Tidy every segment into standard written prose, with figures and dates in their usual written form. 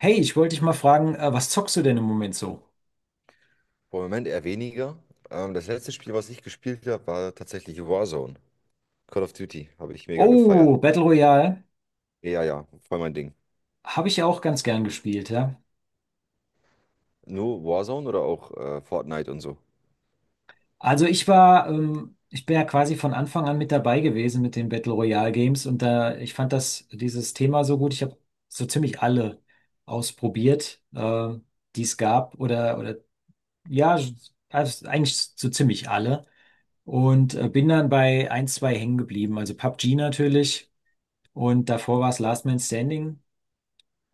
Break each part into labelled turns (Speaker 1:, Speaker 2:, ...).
Speaker 1: Hey, ich wollte dich mal fragen, was zockst du denn im Moment so?
Speaker 2: Boah, im Moment eher weniger. Das letzte Spiel, was ich gespielt habe, war tatsächlich Warzone. Call of Duty habe ich mega gefeiert.
Speaker 1: Oh, Battle Royale
Speaker 2: Ja, ja, voll mein Ding.
Speaker 1: habe ich ja auch ganz gern gespielt, ja.
Speaker 2: Nur Warzone oder auch Fortnite und so?
Speaker 1: Also ich bin ja quasi von Anfang an mit dabei gewesen mit den Battle Royale Games und da, ich fand das, dieses Thema so gut. Ich habe so ziemlich alle ausprobiert, die es gab oder ja, also eigentlich so ziemlich alle und bin dann bei ein, zwei hängen geblieben. Also PUBG natürlich und davor war es Last Man Standing.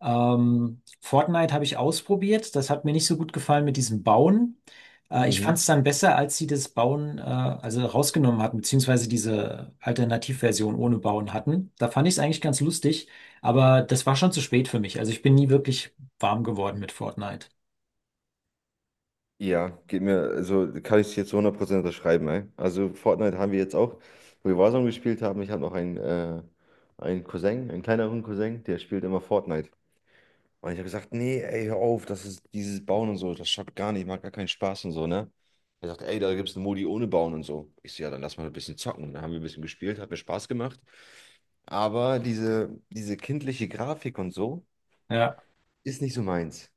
Speaker 1: Fortnite habe ich ausprobiert. Das hat mir nicht so gut gefallen mit diesem Bauen. Ich
Speaker 2: Mhm.
Speaker 1: fand es dann besser, als sie das Bauen also rausgenommen hatten, beziehungsweise diese Alternativversion ohne Bauen hatten. Da fand ich es eigentlich ganz lustig, aber das war schon zu spät für mich. Also ich bin nie wirklich warm geworden mit Fortnite.
Speaker 2: Ja, geht mir, also kann ich es jetzt zu 100% unterschreiben, ey. Also Fortnite haben wir jetzt auch, wo wir Warzone gespielt haben. Ich habe noch einen Cousin, einen kleineren Cousin, der spielt immer Fortnite. Und ich habe gesagt, nee, ey, hör auf, das ist dieses Bauen und so, das schafft gar nicht, macht gar keinen Spaß und so, ne? Er sagt, ey, da gibt es einen Modi ohne Bauen und so. Ich so, ja, dann lass mal ein bisschen zocken. Und dann haben wir ein bisschen gespielt, hat mir Spaß gemacht. Aber diese kindliche Grafik und so
Speaker 1: Ja,
Speaker 2: ist nicht so meins.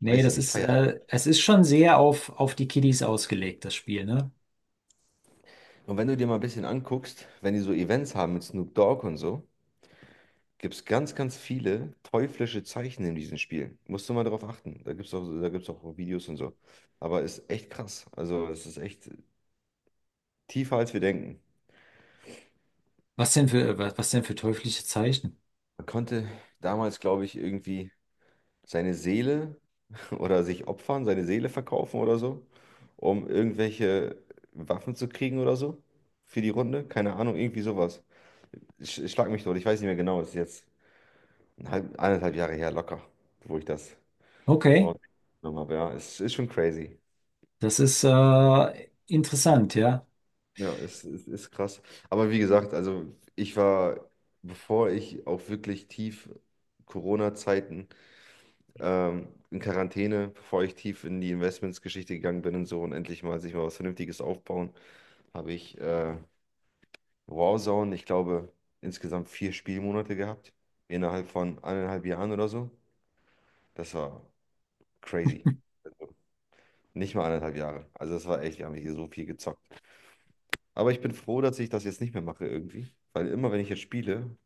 Speaker 1: nee,
Speaker 2: Weiß ich nicht, feier ich.
Speaker 1: es ist schon sehr auf die Kiddies ausgelegt, das Spiel, ne?
Speaker 2: Und wenn du dir mal ein bisschen anguckst, wenn die so Events haben mit Snoop Dogg und so, gibt es ganz, ganz viele teuflische Zeichen in diesen Spielen. Musst du mal drauf achten. Da gibt es auch, da gibt's auch Videos und so. Aber ist echt krass. Also, es ist echt. Tiefer als wir denken.
Speaker 1: Was denn für, was denn für teuflische Zeichen?
Speaker 2: Man konnte damals, glaube ich, irgendwie seine Seele oder sich opfern, seine Seele verkaufen oder so, um irgendwelche Waffen zu kriegen oder so für die Runde. Keine Ahnung, irgendwie sowas. Schlag mich tot, ich weiß nicht mehr genau. Es ist jetzt 1,5 Jahre her locker, wo ich das
Speaker 1: Okay,
Speaker 2: überhaupt genommen habe. Ja, es ist schon crazy.
Speaker 1: das ist interessant, ja.
Speaker 2: Ja, es ist krass. Aber wie gesagt, also ich war, bevor ich auch wirklich tief Corona-Zeiten in Quarantäne, bevor ich tief in die Investments-Geschichte gegangen bin und so und endlich mal sich mal was Vernünftiges aufbauen, habe ich Warzone, ich glaube, insgesamt 4 Spielmonate gehabt, innerhalb von 1,5 Jahren oder so. Das war crazy. Also nicht mal 1,5 Jahre. Also das war echt, wir haben hier so viel gezockt. Aber ich bin froh, dass ich das jetzt nicht mehr mache irgendwie, weil immer, wenn ich jetzt spiele,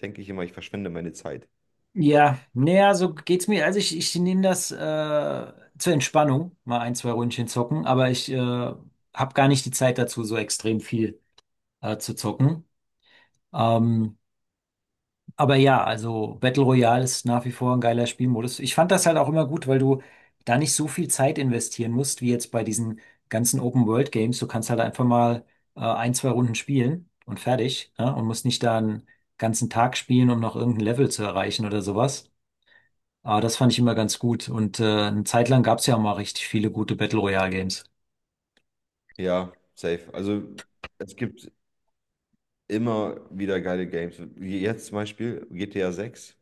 Speaker 2: denke ich immer, ich verschwende meine Zeit.
Speaker 1: Ja, naja, so geht's mir. Also ich nehme das zur Entspannung, mal ein, zwei Ründchen zocken, aber ich habe gar nicht die Zeit dazu, so extrem viel zu zocken. Ähm, aber ja, also Battle Royale ist nach wie vor ein geiler Spielmodus. Ich fand das halt auch immer gut, weil du da nicht so viel Zeit investieren musst, wie jetzt bei diesen ganzen Open World Games. Du kannst halt einfach mal ein, zwei Runden spielen und fertig, ne? Und musst nicht da einen ganzen Tag spielen, um noch irgendein Level zu erreichen oder sowas. Aber das fand ich immer ganz gut. Und eine Zeit lang gab es ja auch mal richtig viele gute Battle Royale Games.
Speaker 2: Ja, safe. Also es gibt immer wieder geile Games. Wie jetzt zum Beispiel GTA 6,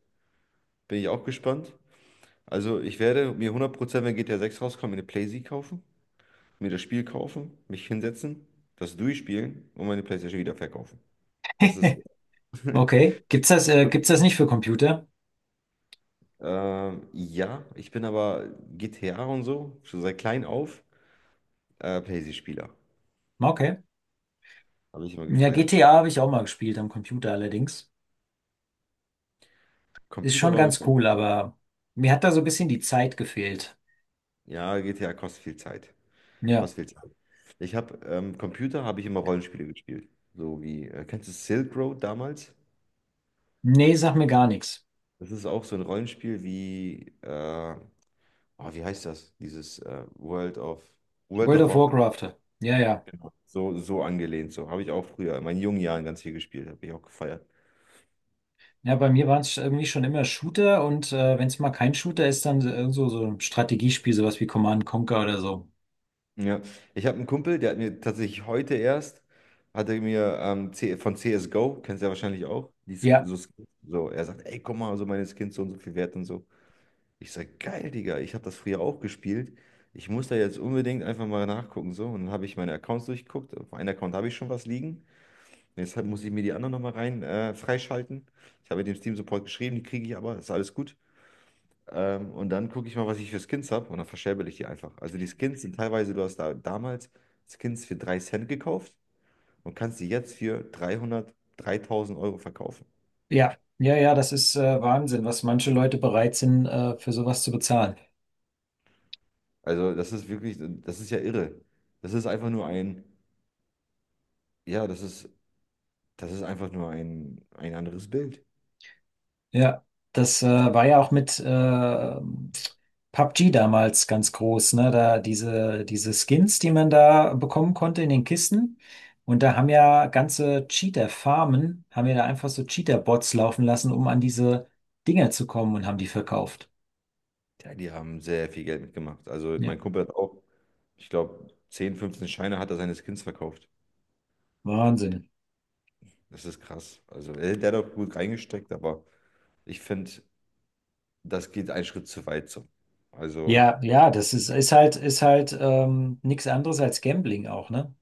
Speaker 2: bin ich auch gespannt. Also ich werde mir 100%, wenn GTA 6 rauskommt, mir eine PlayStation kaufen, mir das Spiel kaufen, mich hinsetzen, das durchspielen und meine PlayStation wieder verkaufen. Das ist,
Speaker 1: Okay. Gibt's das nicht für Computer?
Speaker 2: ja, ich bin aber GTA und so, schon seit klein auf, PlayStation-Spieler.
Speaker 1: Okay.
Speaker 2: Habe ich immer
Speaker 1: Ja,
Speaker 2: gefeiert.
Speaker 1: GTA habe ich auch mal gespielt am Computer allerdings. Ist
Speaker 2: Computer
Speaker 1: schon
Speaker 2: war bei
Speaker 1: ganz
Speaker 2: mir,
Speaker 1: cool, aber mir hat da so ein bisschen die Zeit gefehlt.
Speaker 2: ja, GTA kostet viel Zeit.
Speaker 1: Ja.
Speaker 2: Kostet viel Ich habe Computer, habe ich immer Rollenspiele gespielt. So wie, kennst du Silk Road damals?
Speaker 1: Nee, sag mir gar nichts.
Speaker 2: Das ist auch so ein Rollenspiel wie, oh, wie heißt das? Dieses World of, World
Speaker 1: World
Speaker 2: of
Speaker 1: of
Speaker 2: Warcraft.
Speaker 1: Warcraft. Ja, ja.
Speaker 2: So, so angelehnt, so habe ich auch früher in meinen jungen Jahren ganz viel gespielt, habe ich auch gefeiert.
Speaker 1: Ja, bei mir waren es irgendwie schon immer Shooter und wenn es mal kein Shooter ist, dann so ein Strategiespiel, sowas wie Command and Conquer oder so.
Speaker 2: Ja, ich habe einen Kumpel, der hat mir tatsächlich heute erst, hat er mir C von CSGO, kennst du ja wahrscheinlich auch, die,
Speaker 1: Ja.
Speaker 2: so, Skins. So, er sagt, ey, guck mal, so meine Skins so und so viel wert und so. Ich sag, geil, Digga, ich habe das früher auch gespielt. Ich muss da jetzt unbedingt einfach mal nachgucken. So, und dann habe ich meine Accounts durchgeguckt. Auf einem Account habe ich schon was liegen. Deshalb muss ich mir die anderen nochmal rein freischalten. Ich habe dem Steam Support geschrieben, die kriege ich aber, ist alles gut. Und dann gucke ich mal, was ich für Skins habe und dann verscherbel ich die einfach. Also die Skins sind teilweise, du hast da damals Skins für 3 Cent gekauft und kannst die jetzt für 300, 3.000 Euro verkaufen.
Speaker 1: Ja, ja, ja, das ist Wahnsinn, was manche Leute bereit sind, für sowas zu bezahlen.
Speaker 2: Also das ist wirklich, das ist ja irre. Das ist einfach nur ein, ja, das ist. Das ist einfach nur ein anderes Bild.
Speaker 1: Ja, das war ja auch mit PUBG damals ganz groß, ne? Da diese Skins, die man da bekommen konnte in den Kisten. Und da haben ja ganze Cheater-Farmen, haben ja da einfach so Cheater-Bots laufen lassen, um an diese Dinger zu kommen und haben die verkauft.
Speaker 2: Ja, die haben sehr viel Geld mitgemacht. Also
Speaker 1: Ja,
Speaker 2: mein Kumpel hat auch, ich glaube, 10, 15 Scheine hat er seines Kindes verkauft.
Speaker 1: Wahnsinn.
Speaker 2: Das ist krass. Also der hat auch gut reingesteckt, aber ich finde, das geht einen Schritt zu weit so. Also
Speaker 1: Ja, ja, das ist, ist halt nichts anderes als Gambling auch, ne?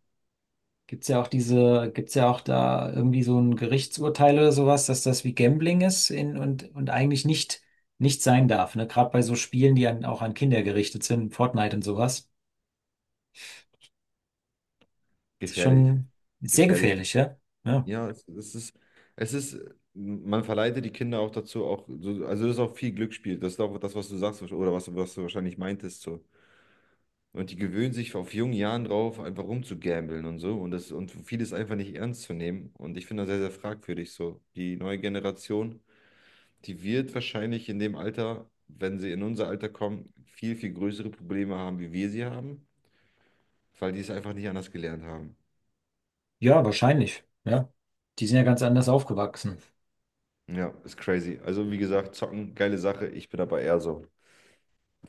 Speaker 1: Gibt's ja auch diese, gibt's ja auch da irgendwie so ein Gerichtsurteil oder sowas, dass das wie Gambling ist und eigentlich nicht sein darf, ne? Gerade bei so Spielen, die auch an Kinder gerichtet sind, Fortnite und sowas. Das ist
Speaker 2: gefährlich.
Speaker 1: schon sehr
Speaker 2: Gefährlich.
Speaker 1: gefährlich, ja? Ja,
Speaker 2: Ja, es ist, man verleitet die Kinder auch dazu, auch, so, also das ist auch viel Glücksspiel. Das ist auch das, was du sagst oder was du wahrscheinlich meintest. So. Und die gewöhnen sich auf jungen Jahren drauf, einfach rumzugambeln und so. Und vieles einfach nicht ernst zu nehmen. Und ich finde das sehr, sehr fragwürdig so. Die neue Generation, die wird wahrscheinlich in dem Alter, wenn sie in unser Alter kommen, viel, viel größere Probleme haben, wie wir sie haben, weil die es einfach nicht anders gelernt haben.
Speaker 1: ja, wahrscheinlich, ja. Die sind ja ganz anders aufgewachsen.
Speaker 2: Ja, ist crazy. Also, wie gesagt, zocken, geile Sache. Ich bin aber eher so.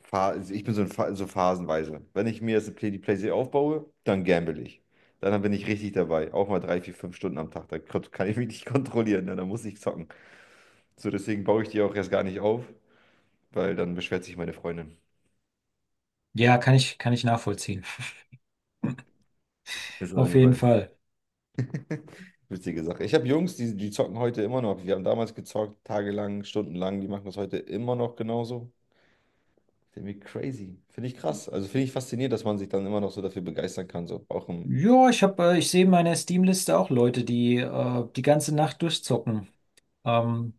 Speaker 2: Ich bin so, in so phasenweise. Wenn ich mir jetzt eine Playsee aufbaue, dann gamble ich. Dann bin ich richtig dabei. Auch mal 3, 4, 5 Stunden am Tag. Dann kann ich mich nicht kontrollieren. Ne? Dann muss ich zocken. So, deswegen baue ich die auch erst gar nicht auf, weil dann beschwert sich meine Freundin.
Speaker 1: Ja, kann ich nachvollziehen.
Speaker 2: Ist auf
Speaker 1: Auf
Speaker 2: jeden
Speaker 1: jeden
Speaker 2: Fall
Speaker 1: Fall.
Speaker 2: witzige Sache. Ich habe Jungs, die zocken heute immer noch. Wir haben damals gezockt, tagelang, stundenlang. Die machen das heute immer noch genauso. Irgendwie crazy. Finde ich krass. Also finde ich faszinierend, dass man sich dann immer noch so dafür begeistern kann. So auch im.
Speaker 1: Ja, ich sehe in meiner Steam-Liste auch Leute, die ganze Nacht durchzocken. Ähm,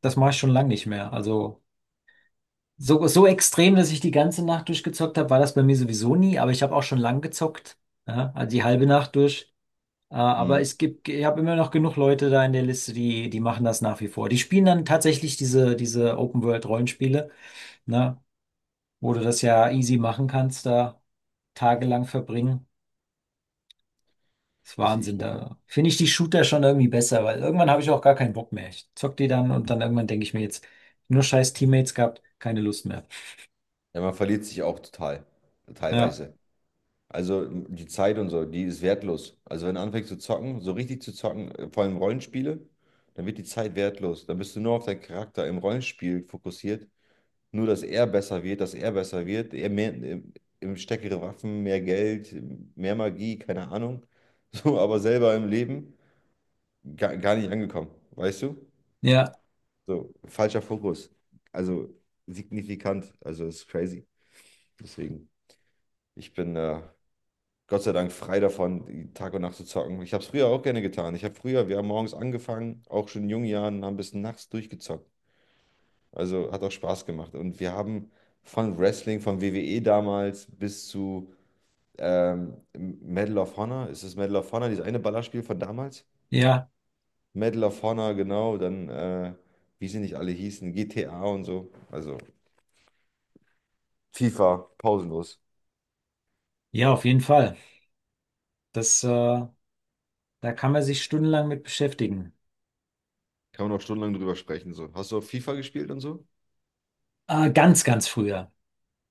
Speaker 1: Das mache ich schon lange nicht mehr. Also. So, so extrem, dass ich die ganze Nacht durchgezockt habe, war das bei mir sowieso nie, aber ich habe auch schon lang gezockt, ja, also die halbe Nacht durch. Aber
Speaker 2: Mhm.
Speaker 1: es gibt, ich habe immer noch genug Leute da in der Liste, die machen das nach wie vor. Die spielen dann tatsächlich diese Open-World-Rollenspiele, ne, wo du das ja easy machen kannst, da tagelang verbringen. Das ist
Speaker 2: Ich
Speaker 1: Wahnsinn,
Speaker 2: bin
Speaker 1: da finde ich die Shooter schon irgendwie besser, weil irgendwann habe ich auch gar keinen Bock mehr. Ich zock die dann und dann irgendwann denke ich mir jetzt, nur scheiß Teammates gehabt, keine Lust mehr.
Speaker 2: Ja, man verliert sich auch total,
Speaker 1: Ja,
Speaker 2: teilweise. Also die Zeit und so, die ist wertlos. Also wenn du anfängst zu zocken, so richtig zu zocken, vor allem Rollenspiele, dann wird die Zeit wertlos. Dann bist du nur auf deinen Charakter im Rollenspiel fokussiert. Nur, dass er besser wird, dass er besser wird, er mehr, im stärkere Waffen, mehr Geld, mehr Magie, keine Ahnung. So, aber selber im Leben gar, gar nicht angekommen, weißt du?
Speaker 1: ja,
Speaker 2: So, falscher Fokus. Also signifikant, also ist crazy. Deswegen, ich bin Gott sei Dank frei davon, die Tag und Nacht zu zocken. Ich habe es früher auch gerne getan. Ich habe früher, wir haben morgens angefangen, auch schon in jungen Jahren, haben bis nachts durchgezockt. Also hat auch Spaß gemacht. Und wir haben von Wrestling, von WWE damals bis zu Medal of Honor. Ist es Medal of Honor, dieses eine Ballerspiel von damals?
Speaker 1: ja.
Speaker 2: Medal of Honor, genau. Dann, wie sie nicht alle hießen, GTA und so. Also FIFA, pausenlos.
Speaker 1: Ja, auf jeden Fall. Das, da kann man sich stundenlang mit beschäftigen.
Speaker 2: Kann man auch stundenlang drüber sprechen. So. Hast du auch FIFA gespielt und so?
Speaker 1: Ganz, ganz früher.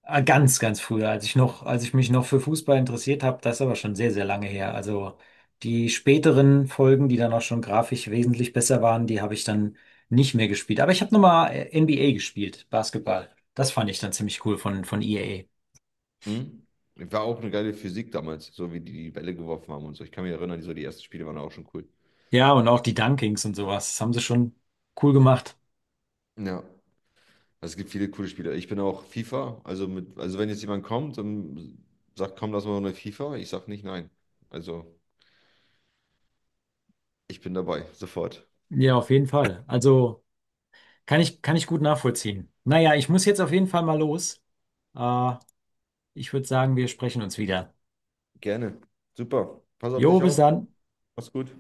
Speaker 1: Ganz, ganz früher, als ich noch, als ich mich noch für Fußball interessiert habe, das ist aber schon sehr, sehr lange her. Also die späteren Folgen, die dann auch schon grafisch wesentlich besser waren, die habe ich dann nicht mehr gespielt. Aber ich habe nochmal NBA gespielt, Basketball. Das fand ich dann ziemlich cool von EA.
Speaker 2: Mhm. War auch eine geile Physik damals, so wie die die Bälle geworfen haben und so. Ich kann mich erinnern, so die ersten Spiele waren auch schon cool.
Speaker 1: Ja, und auch die Dunkings und sowas. Das haben sie schon cool gemacht.
Speaker 2: Ja, also es gibt viele coole Spiele. Ich bin auch FIFA, also also wenn jetzt jemand kommt und sagt, komm, lass mal eine FIFA, ich sag nicht nein. Also ich bin dabei, sofort.
Speaker 1: Ja, auf jeden Fall. Also. Kann ich gut nachvollziehen. Naja, ich muss jetzt auf jeden Fall mal los. Äh, Ich würde sagen, wir sprechen uns wieder.
Speaker 2: Gerne. Super. Pass auf
Speaker 1: Jo,
Speaker 2: dich
Speaker 1: bis
Speaker 2: auf.
Speaker 1: dann.
Speaker 2: Mach's gut.